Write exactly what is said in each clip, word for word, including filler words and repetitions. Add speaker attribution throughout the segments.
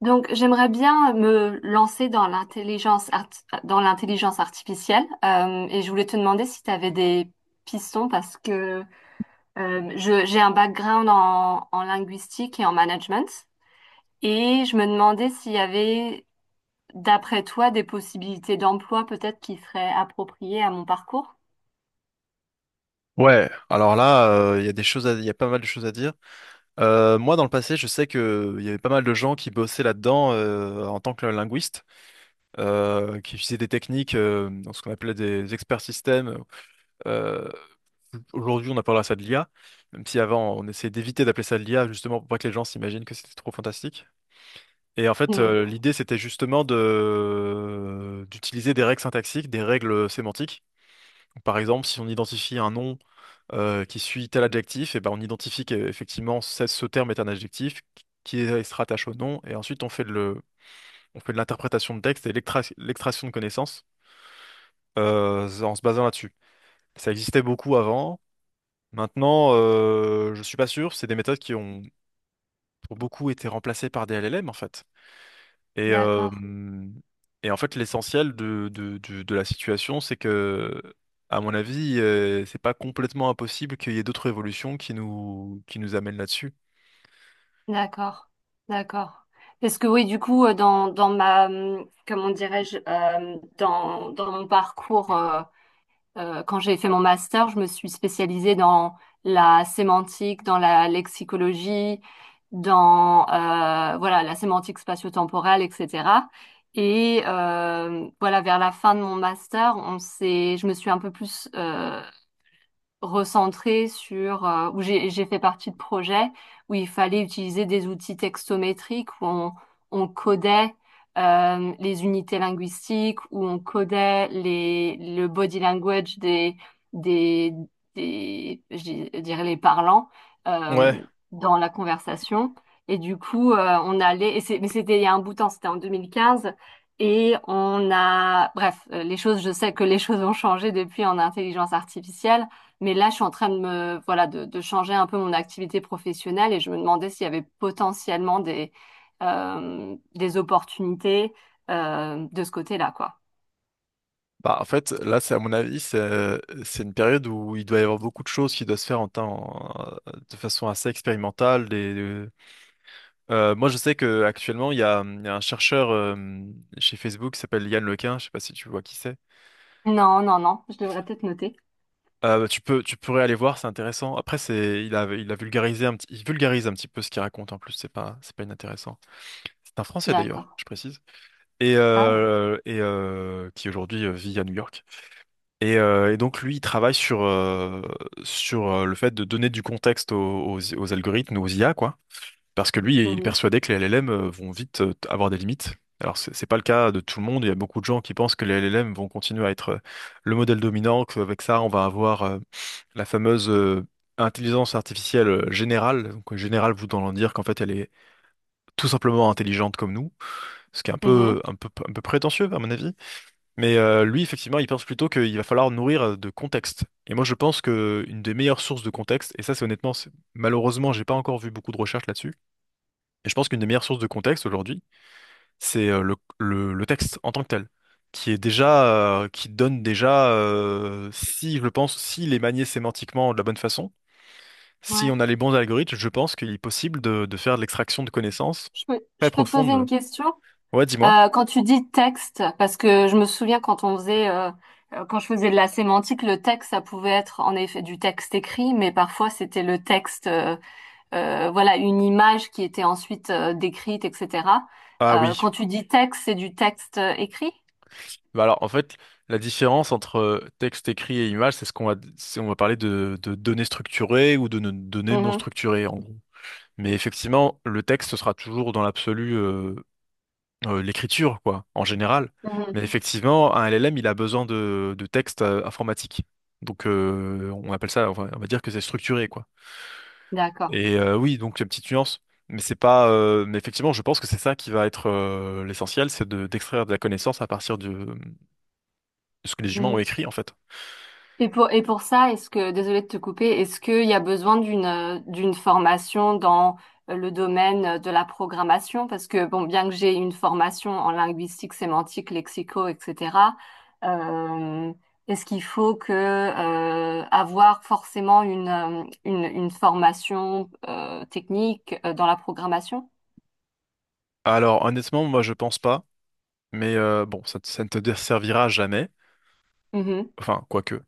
Speaker 1: Donc, j'aimerais bien me lancer dans l'intelligence art- dans l'intelligence artificielle, euh, et je voulais te demander si tu avais des pistons parce que euh, je- j'ai un background en, en linguistique et en management, et je me demandais s'il y avait, d'après toi, des possibilités d'emploi peut-être qui seraient appropriées à mon parcours.
Speaker 2: Ouais, alors là, euh, il y a des choses, à- il y a pas mal de choses à dire. Euh, moi, dans le passé, je sais que il y avait pas mal de gens qui bossaient là-dedans euh, en tant que linguiste, euh, qui utilisaient des techniques, euh, dans ce qu'on appelait des experts systèmes. Euh, Aujourd'hui, on appellera ça de l'I A, même si avant, on essayait d'éviter d'appeler ça de l'I A, justement pour pas que les gens s'imaginent que c'était trop fantastique. Et en fait,
Speaker 1: Hmm.
Speaker 2: euh, l'idée, c'était justement de d'utiliser des règles syntaxiques, des règles sémantiques par exemple, si on identifie un nom euh, qui suit tel adjectif, et ben on identifie qu'effectivement ce ce terme est un adjectif qui est- se rattache au nom, et ensuite on fait de le, on fait de l'interprétation de texte et l'extra- l'extraction de connaissances euh, en se basant là-dessus. Ça existait beaucoup avant. Maintenant, euh, je suis pas sûr. C'est des méthodes qui ont pour beaucoup été remplacées par des L L M en fait. Et, euh,
Speaker 1: D'accord,
Speaker 2: et en fait, l'essentiel de, de, du- de la situation, c'est que, à mon avis, euh, c'est pas complètement impossible qu'il y ait d'autres révolutions qui nous, qui nous amènent là-dessus.
Speaker 1: d'accord, d'accord. Parce que oui, du coup, euh, dans, dans ma, hum, comment dirais-je, euh, dans, dans mon parcours. Euh, quand j'ai fait mon master, je me suis spécialisée dans la sémantique, dans la lexicologie, dans euh, voilà, la sémantique spatio-temporelle, et cetera. Et euh, voilà, vers la fin de mon master, on s'est, je me suis un peu plus, euh, recentrée sur, euh, où j'ai j'ai fait partie de projets où il fallait utiliser des outils textométriques où on, on codait, euh, les unités linguistiques où on codait les le body language des des des je dis- je dirais les parlants, euh,
Speaker 2: Ouais.
Speaker 1: dans la conversation. Et du coup, euh, on allait et c'est- mais c'était il y a un bout de temps, c'était en deux mille quinze. Et on a, bref, euh, les choses, je sais que les choses ont changé depuis en intelligence artificielle, mais là, je suis en train de me, voilà, de, de changer un peu mon activité professionnelle, et je me demandais s'il y avait potentiellement des, euh, des opportunités, euh, de ce côté-là, quoi.
Speaker 2: Bah, en fait, là, c'est à mon avis, c'est c'est une période où il doit y avoir beaucoup de choses qui doivent se faire en, temps- en- de façon assez expérimentale. Des- des- Euh, moi, je sais que actuellement, il y a, il y a un chercheur euh, chez Facebook qui s'appelle Yann Lequin. Je sais pas si tu vois qui c'est.
Speaker 1: Non, non, non, je devrais peut-être noter.
Speaker 2: Euh, tu peux, tu pourrais aller voir, c'est intéressant. Après, c'est, il a, il a vulgarisé un petit, il vulgarise un petit peu ce qu'il raconte en plus. C'est pas, c'est pas inintéressant. C'est un Français
Speaker 1: D'accord.
Speaker 2: d'ailleurs, je précise, et
Speaker 1: Ah.
Speaker 2: euh, et euh, qui aujourd'hui euh, vit à New York. Et, euh, et donc lui, il travaille sur euh, sur euh, le fait de donner du contexte aux, aux, aux algorithmes, aux I A, quoi. Parce que lui, il est
Speaker 1: Mhm,
Speaker 2: persuadé que les L L M euh, vont vite euh, avoir des limites. Alors, c'est c'est pas le cas de tout le monde. Il y a beaucoup de gens qui pensent que les L L M vont continuer à être euh, le modèle dominant, qu'avec ça, on va avoir euh, la fameuse euh, intelligence artificielle euh, générale. Donc, euh, générale voulant dire qu'en fait, elle est tout simplement intelligente comme nous, ce qui est un peu,
Speaker 1: mhm.
Speaker 2: un peu, un peu prétentieux, à mon avis. Mais euh, lui, effectivement, il pense plutôt qu'il va falloir nourrir euh, de contexte. Et moi, je pense que une des meilleures sources de contexte, et ça, c'est honnêtement, c'est- malheureusement, j'ai pas encore vu beaucoup de recherches là-dessus, et je pense qu'une des meilleures sources de contexte aujourd'hui, c'est euh, le, le- le texte en tant que tel, qui est déjà, euh, qui donne déjà, euh, si je le pense, s'il est manié sémantiquement de la bonne façon, si
Speaker 1: Ouais.
Speaker 2: on a les bons algorithmes, je pense qu'il est possible de, de faire de l'extraction de connaissances
Speaker 1: Je peux,
Speaker 2: très
Speaker 1: je peux te poser une
Speaker 2: profondes.
Speaker 1: question?
Speaker 2: Ouais, dis-moi.
Speaker 1: Euh, quand tu dis texte, parce que je me souviens quand on faisait, euh, euh, quand je faisais de la sémantique, le texte, ça pouvait être en effet du texte écrit, mais parfois c'était le texte, euh, euh, voilà, une image qui était ensuite, euh, décrite, et cetera.
Speaker 2: Ah
Speaker 1: Euh,
Speaker 2: oui.
Speaker 1: quand tu dis texte, c'est du texte euh, écrit?
Speaker 2: Bah alors, en fait, la différence entre euh, texte écrit et image, c'est ce qu'on va, c'est- on va parler de, de données structurées ou de no- données non
Speaker 1: Mhm,
Speaker 2: structurées, en gros. Mais effectivement, le texte sera toujours dans l'absolu euh, euh, l'écriture, quoi, en général.
Speaker 1: mhm.
Speaker 2: Mais effectivement, un L L M, il a besoin de, de texte euh, informatique. Donc, euh, on appelle ça, enfin, on va dire que c'est structuré, quoi.
Speaker 1: D'accord.
Speaker 2: Et euh, oui, donc, une petite nuance. Mais c'est pas, euh, Mais effectivement, je pense que c'est ça qui va être euh, l'essentiel, c'est de, d'extraire de la connaissance à partir de de ce que les humains ont
Speaker 1: Mhm.
Speaker 2: écrit, en fait.
Speaker 1: Et pour, et pour ça, est-ce que, désolée de te couper, est-ce qu'il y a besoin d'une euh, d'une formation dans, euh, le domaine de la programmation? Parce que, bon, bien que j'ai une formation en linguistique, sémantique, lexico, et cetera, euh, est-ce qu'il faut que, euh, avoir forcément une, euh, une, une formation, euh, technique, euh, dans la programmation?
Speaker 2: Alors, honnêtement, moi, je pense pas. Mais euh, bon, ça, te- ça ne te desservira jamais.
Speaker 1: Mhm.
Speaker 2: Enfin, quoique.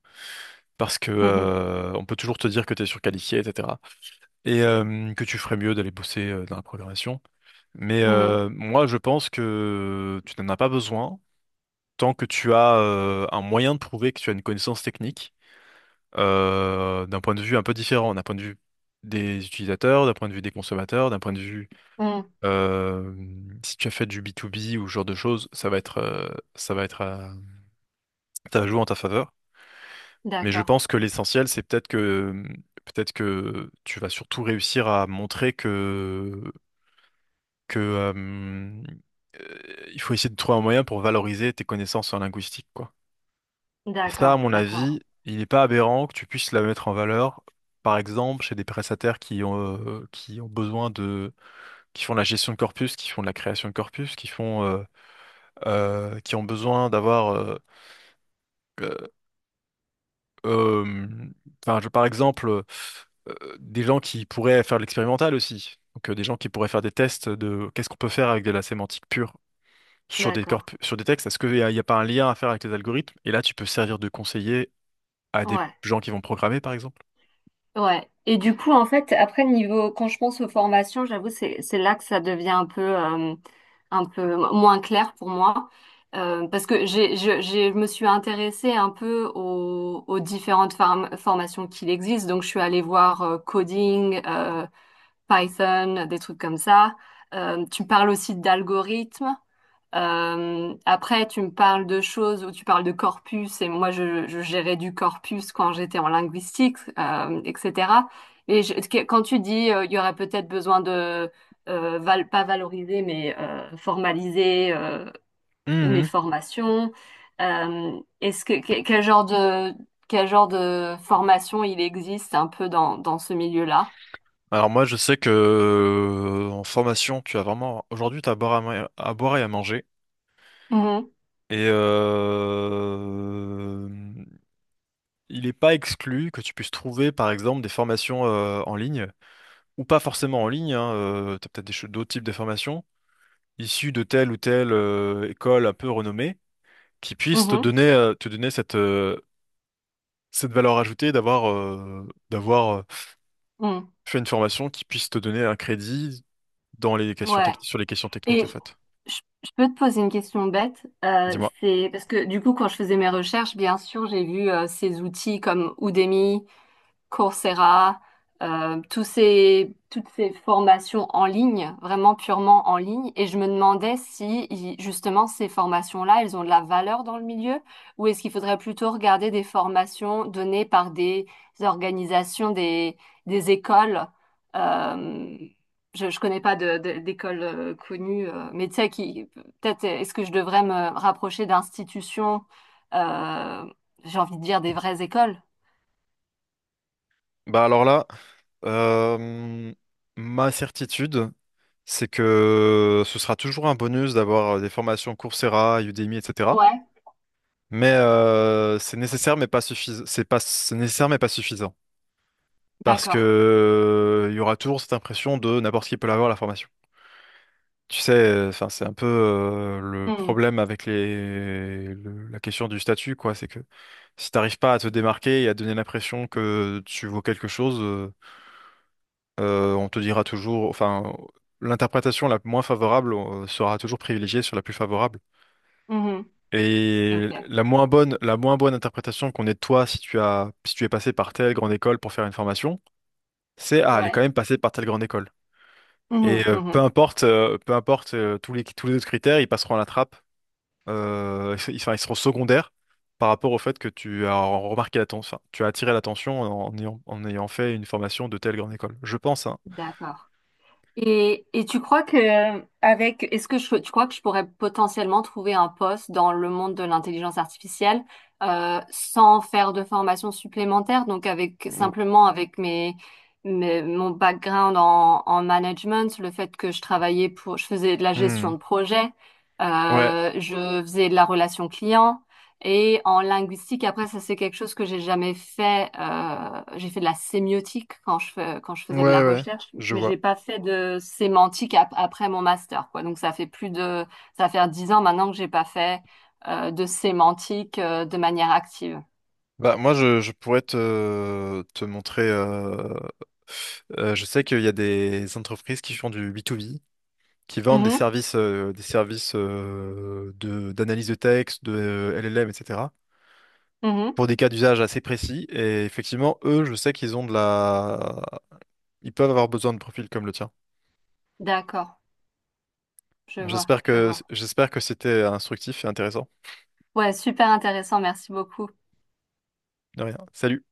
Speaker 2: Parce que euh, on peut toujours te dire que tu es surqualifié, et cetera. Et euh, que tu ferais mieux d'aller bosser euh, dans la programmation. Mais
Speaker 1: Mhm.
Speaker 2: euh, moi, je pense que tu n'en as pas besoin tant que tu as euh, un moyen de prouver que tu as une connaissance technique euh, d'un point de vue un peu différent, d'un point de vue des utilisateurs, d'un point de vue des consommateurs, d'un point de vue
Speaker 1: Mhm.
Speaker 2: euh, si tu as fait du B deux B ou ce genre de choses, ça va être, euh, ça va être euh, ça joue en ta faveur. Mais je
Speaker 1: D'accord,
Speaker 2: pense que l'essentiel, c'est peut-être que peut-être que tu vas surtout réussir à montrer que que euh, euh, il faut essayer de trouver un moyen pour valoriser tes connaissances en linguistique, quoi. Et ça, à
Speaker 1: d'accord,
Speaker 2: mon
Speaker 1: d'accord,
Speaker 2: avis, il n'est pas aberrant que tu puisses la mettre en valeur, par exemple, chez des prestataires qui ont euh, qui ont besoin de qui font de la gestion de corpus, qui font de la création de corpus, qui font euh, euh, qui ont besoin d'avoir euh, euh, euh, enfin, je- par exemple. Euh, des gens qui pourraient faire de l'expérimental aussi. Donc, euh, des gens qui pourraient faire des tests de qu'est-ce qu'on peut faire avec de la sémantique pure sur des
Speaker 1: d'accord.
Speaker 2: corps, sur des textes. Est-ce qu'il n'y a, y a pas un lien à faire avec les algorithmes? Et là, tu peux servir de conseiller à des
Speaker 1: Ouais.
Speaker 2: gens qui vont programmer, par exemple.
Speaker 1: Ouais. Et du coup, en fait, après, niveau, quand je pense aux formations, j'avoue, c'est, c'est là que ça devient un peu, euh, un peu moins clair pour moi. Euh, parce que j'ai, je, j'ai- je me suis intéressée un peu aux, aux différentes form- formations qu'il existe. Donc, je suis allée voir, euh, coding, euh, Python, des trucs comme ça. Euh, tu parles aussi d'algorithmes. Euh, après, tu me parles de choses où tu parles de corpus, et moi, je, je gérais du corpus quand j'étais en linguistique, euh, et cetera. Et je- que- quand tu dis, euh, il y aurait peut-être besoin de, euh, val- pas valoriser, mais euh, formaliser, euh, mes
Speaker 2: Mhm.
Speaker 1: formations, euh, est-ce que, que- quel genre de, quel genre de formation il existe un peu dans, dans ce milieu-là?
Speaker 2: Alors moi, je sais que euh, en formation, tu as vraiment aujourd'hui, tu as à boire, à, ma- à boire et à manger.
Speaker 1: Mhm,
Speaker 2: Et euh, il n'est pas exclu que tu puisses trouver, par exemple, des formations euh, en ligne, ou pas forcément en ligne, hein, tu as peut-être des ch- d'autres types de formations, issu de telle ou telle euh, école un peu renommée, qui puisse te
Speaker 1: mhm,
Speaker 2: donner, euh, te donner cette, euh, cette valeur ajoutée d'avoir euh, d'avoir euh,
Speaker 1: mhm.
Speaker 2: fait une formation qui puisse te donner un crédit dans les questions
Speaker 1: Ouais.
Speaker 2: techniques, sur les questions techniques,
Speaker 1: Et
Speaker 2: en fait.
Speaker 1: Je je peux te poser une question bête, euh,
Speaker 2: Dis-moi.
Speaker 1: c'est parce que du coup quand je faisais mes recherches, bien sûr j'ai vu, euh, ces outils comme Udemy, Coursera, euh, tous ces, toutes ces formations en ligne, vraiment purement en ligne. Et je me demandais si i- justement ces formations-là, elles ont de la valeur dans le milieu, ou est-ce qu'il faudrait plutôt regarder des formations données par des organisations, des, des écoles. euh, je, je connais pas de, de- d'école, euh, connue, euh, mais tu sais qui peut-être est-ce que je devrais me rapprocher d'institutions, euh, j'ai envie de dire des vraies écoles?
Speaker 2: Bah alors là, euh, ma certitude, c'est que ce sera toujours un bonus d'avoir euh, des formations Coursera, Udemy, et cetera.
Speaker 1: Ouais,
Speaker 2: Mais euh, c'est nécessaire, mais pas suffisant. C'est pas, c'est nécessaire, mais pas suffisant. Parce que
Speaker 1: d'accord.
Speaker 2: euh, il y aura toujours cette impression de n'importe qui peut l'avoir la formation. Tu sais, euh, enfin, c'est un peu euh, le
Speaker 1: Mhm.
Speaker 2: problème avec les le- la question du statut, quoi. C'est que si t'arrives pas à te démarquer et à donner l'impression que tu vaux quelque chose, euh, euh, on te dira toujours, enfin, l'interprétation la moins favorable euh, sera toujours privilégiée sur la plus favorable.
Speaker 1: Mhm.
Speaker 2: Et
Speaker 1: Ok.
Speaker 2: la moins bonne, la moins bonne interprétation qu'on ait de toi si tu as si tu es passé par telle grande école pour faire une formation, c'est ah, elle est quand
Speaker 1: Ouais.
Speaker 2: même passée par telle grande école. Et
Speaker 1: Mhm,
Speaker 2: euh, peu
Speaker 1: mhm.
Speaker 2: importe, euh, peu importe euh, tous les, tous les autres critères, ils passeront à la trappe. Euh, ils, enfin, ils seront secondaires par rapport au fait que tu as remarqué l'attention, enfin, tu as attiré l'attention en ayant, en ayant fait une formation de telle grande école. Je pense, hein.
Speaker 1: D'accord. Et, et tu crois que avec est-ce que je, tu crois que je pourrais potentiellement trouver un poste dans le monde de l'intelligence artificielle, euh, sans faire de formation supplémentaire, donc avec
Speaker 2: Ou-
Speaker 1: simplement avec mes, mes- mon background en, en management, le fait que je travaillais pour je faisais de la gestion
Speaker 2: Hmm.
Speaker 1: de projet,
Speaker 2: Ouais,
Speaker 1: euh, je faisais de la relation client. Et en linguistique, après, ça c'est quelque chose que j'ai jamais fait. euh, j'ai fait de la sémiotique quand je fais- quand je
Speaker 2: ouais,
Speaker 1: faisais de la
Speaker 2: ouais,
Speaker 1: recherche,
Speaker 2: je
Speaker 1: mais
Speaker 2: vois.
Speaker 1: j'ai pas fait de sémantique ap- après mon master, quoi. Donc ça fait plus de, ça va faire dix ans maintenant que j'ai pas fait euh, de sémantique, euh, de manière active.
Speaker 2: Bah, moi, je, je pourrais te, te montrer. Euh, euh, je sais qu'il y a des entreprises qui font du B deux B, qui vendent des
Speaker 1: Mhm,
Speaker 2: services, euh, des services euh, de, d'analyse de texte, de L L M, et cetera
Speaker 1: mhm.
Speaker 2: pour des cas d'usage assez précis. Et effectivement, eux, je sais qu'ils ont de la... Ils peuvent avoir besoin de profils comme le tien.
Speaker 1: D'accord, je vois,
Speaker 2: J'espère
Speaker 1: je
Speaker 2: que
Speaker 1: vois.
Speaker 2: j'espère que c'était instructif et intéressant.
Speaker 1: Ouais, super intéressant, merci beaucoup.
Speaker 2: De rien. Salut.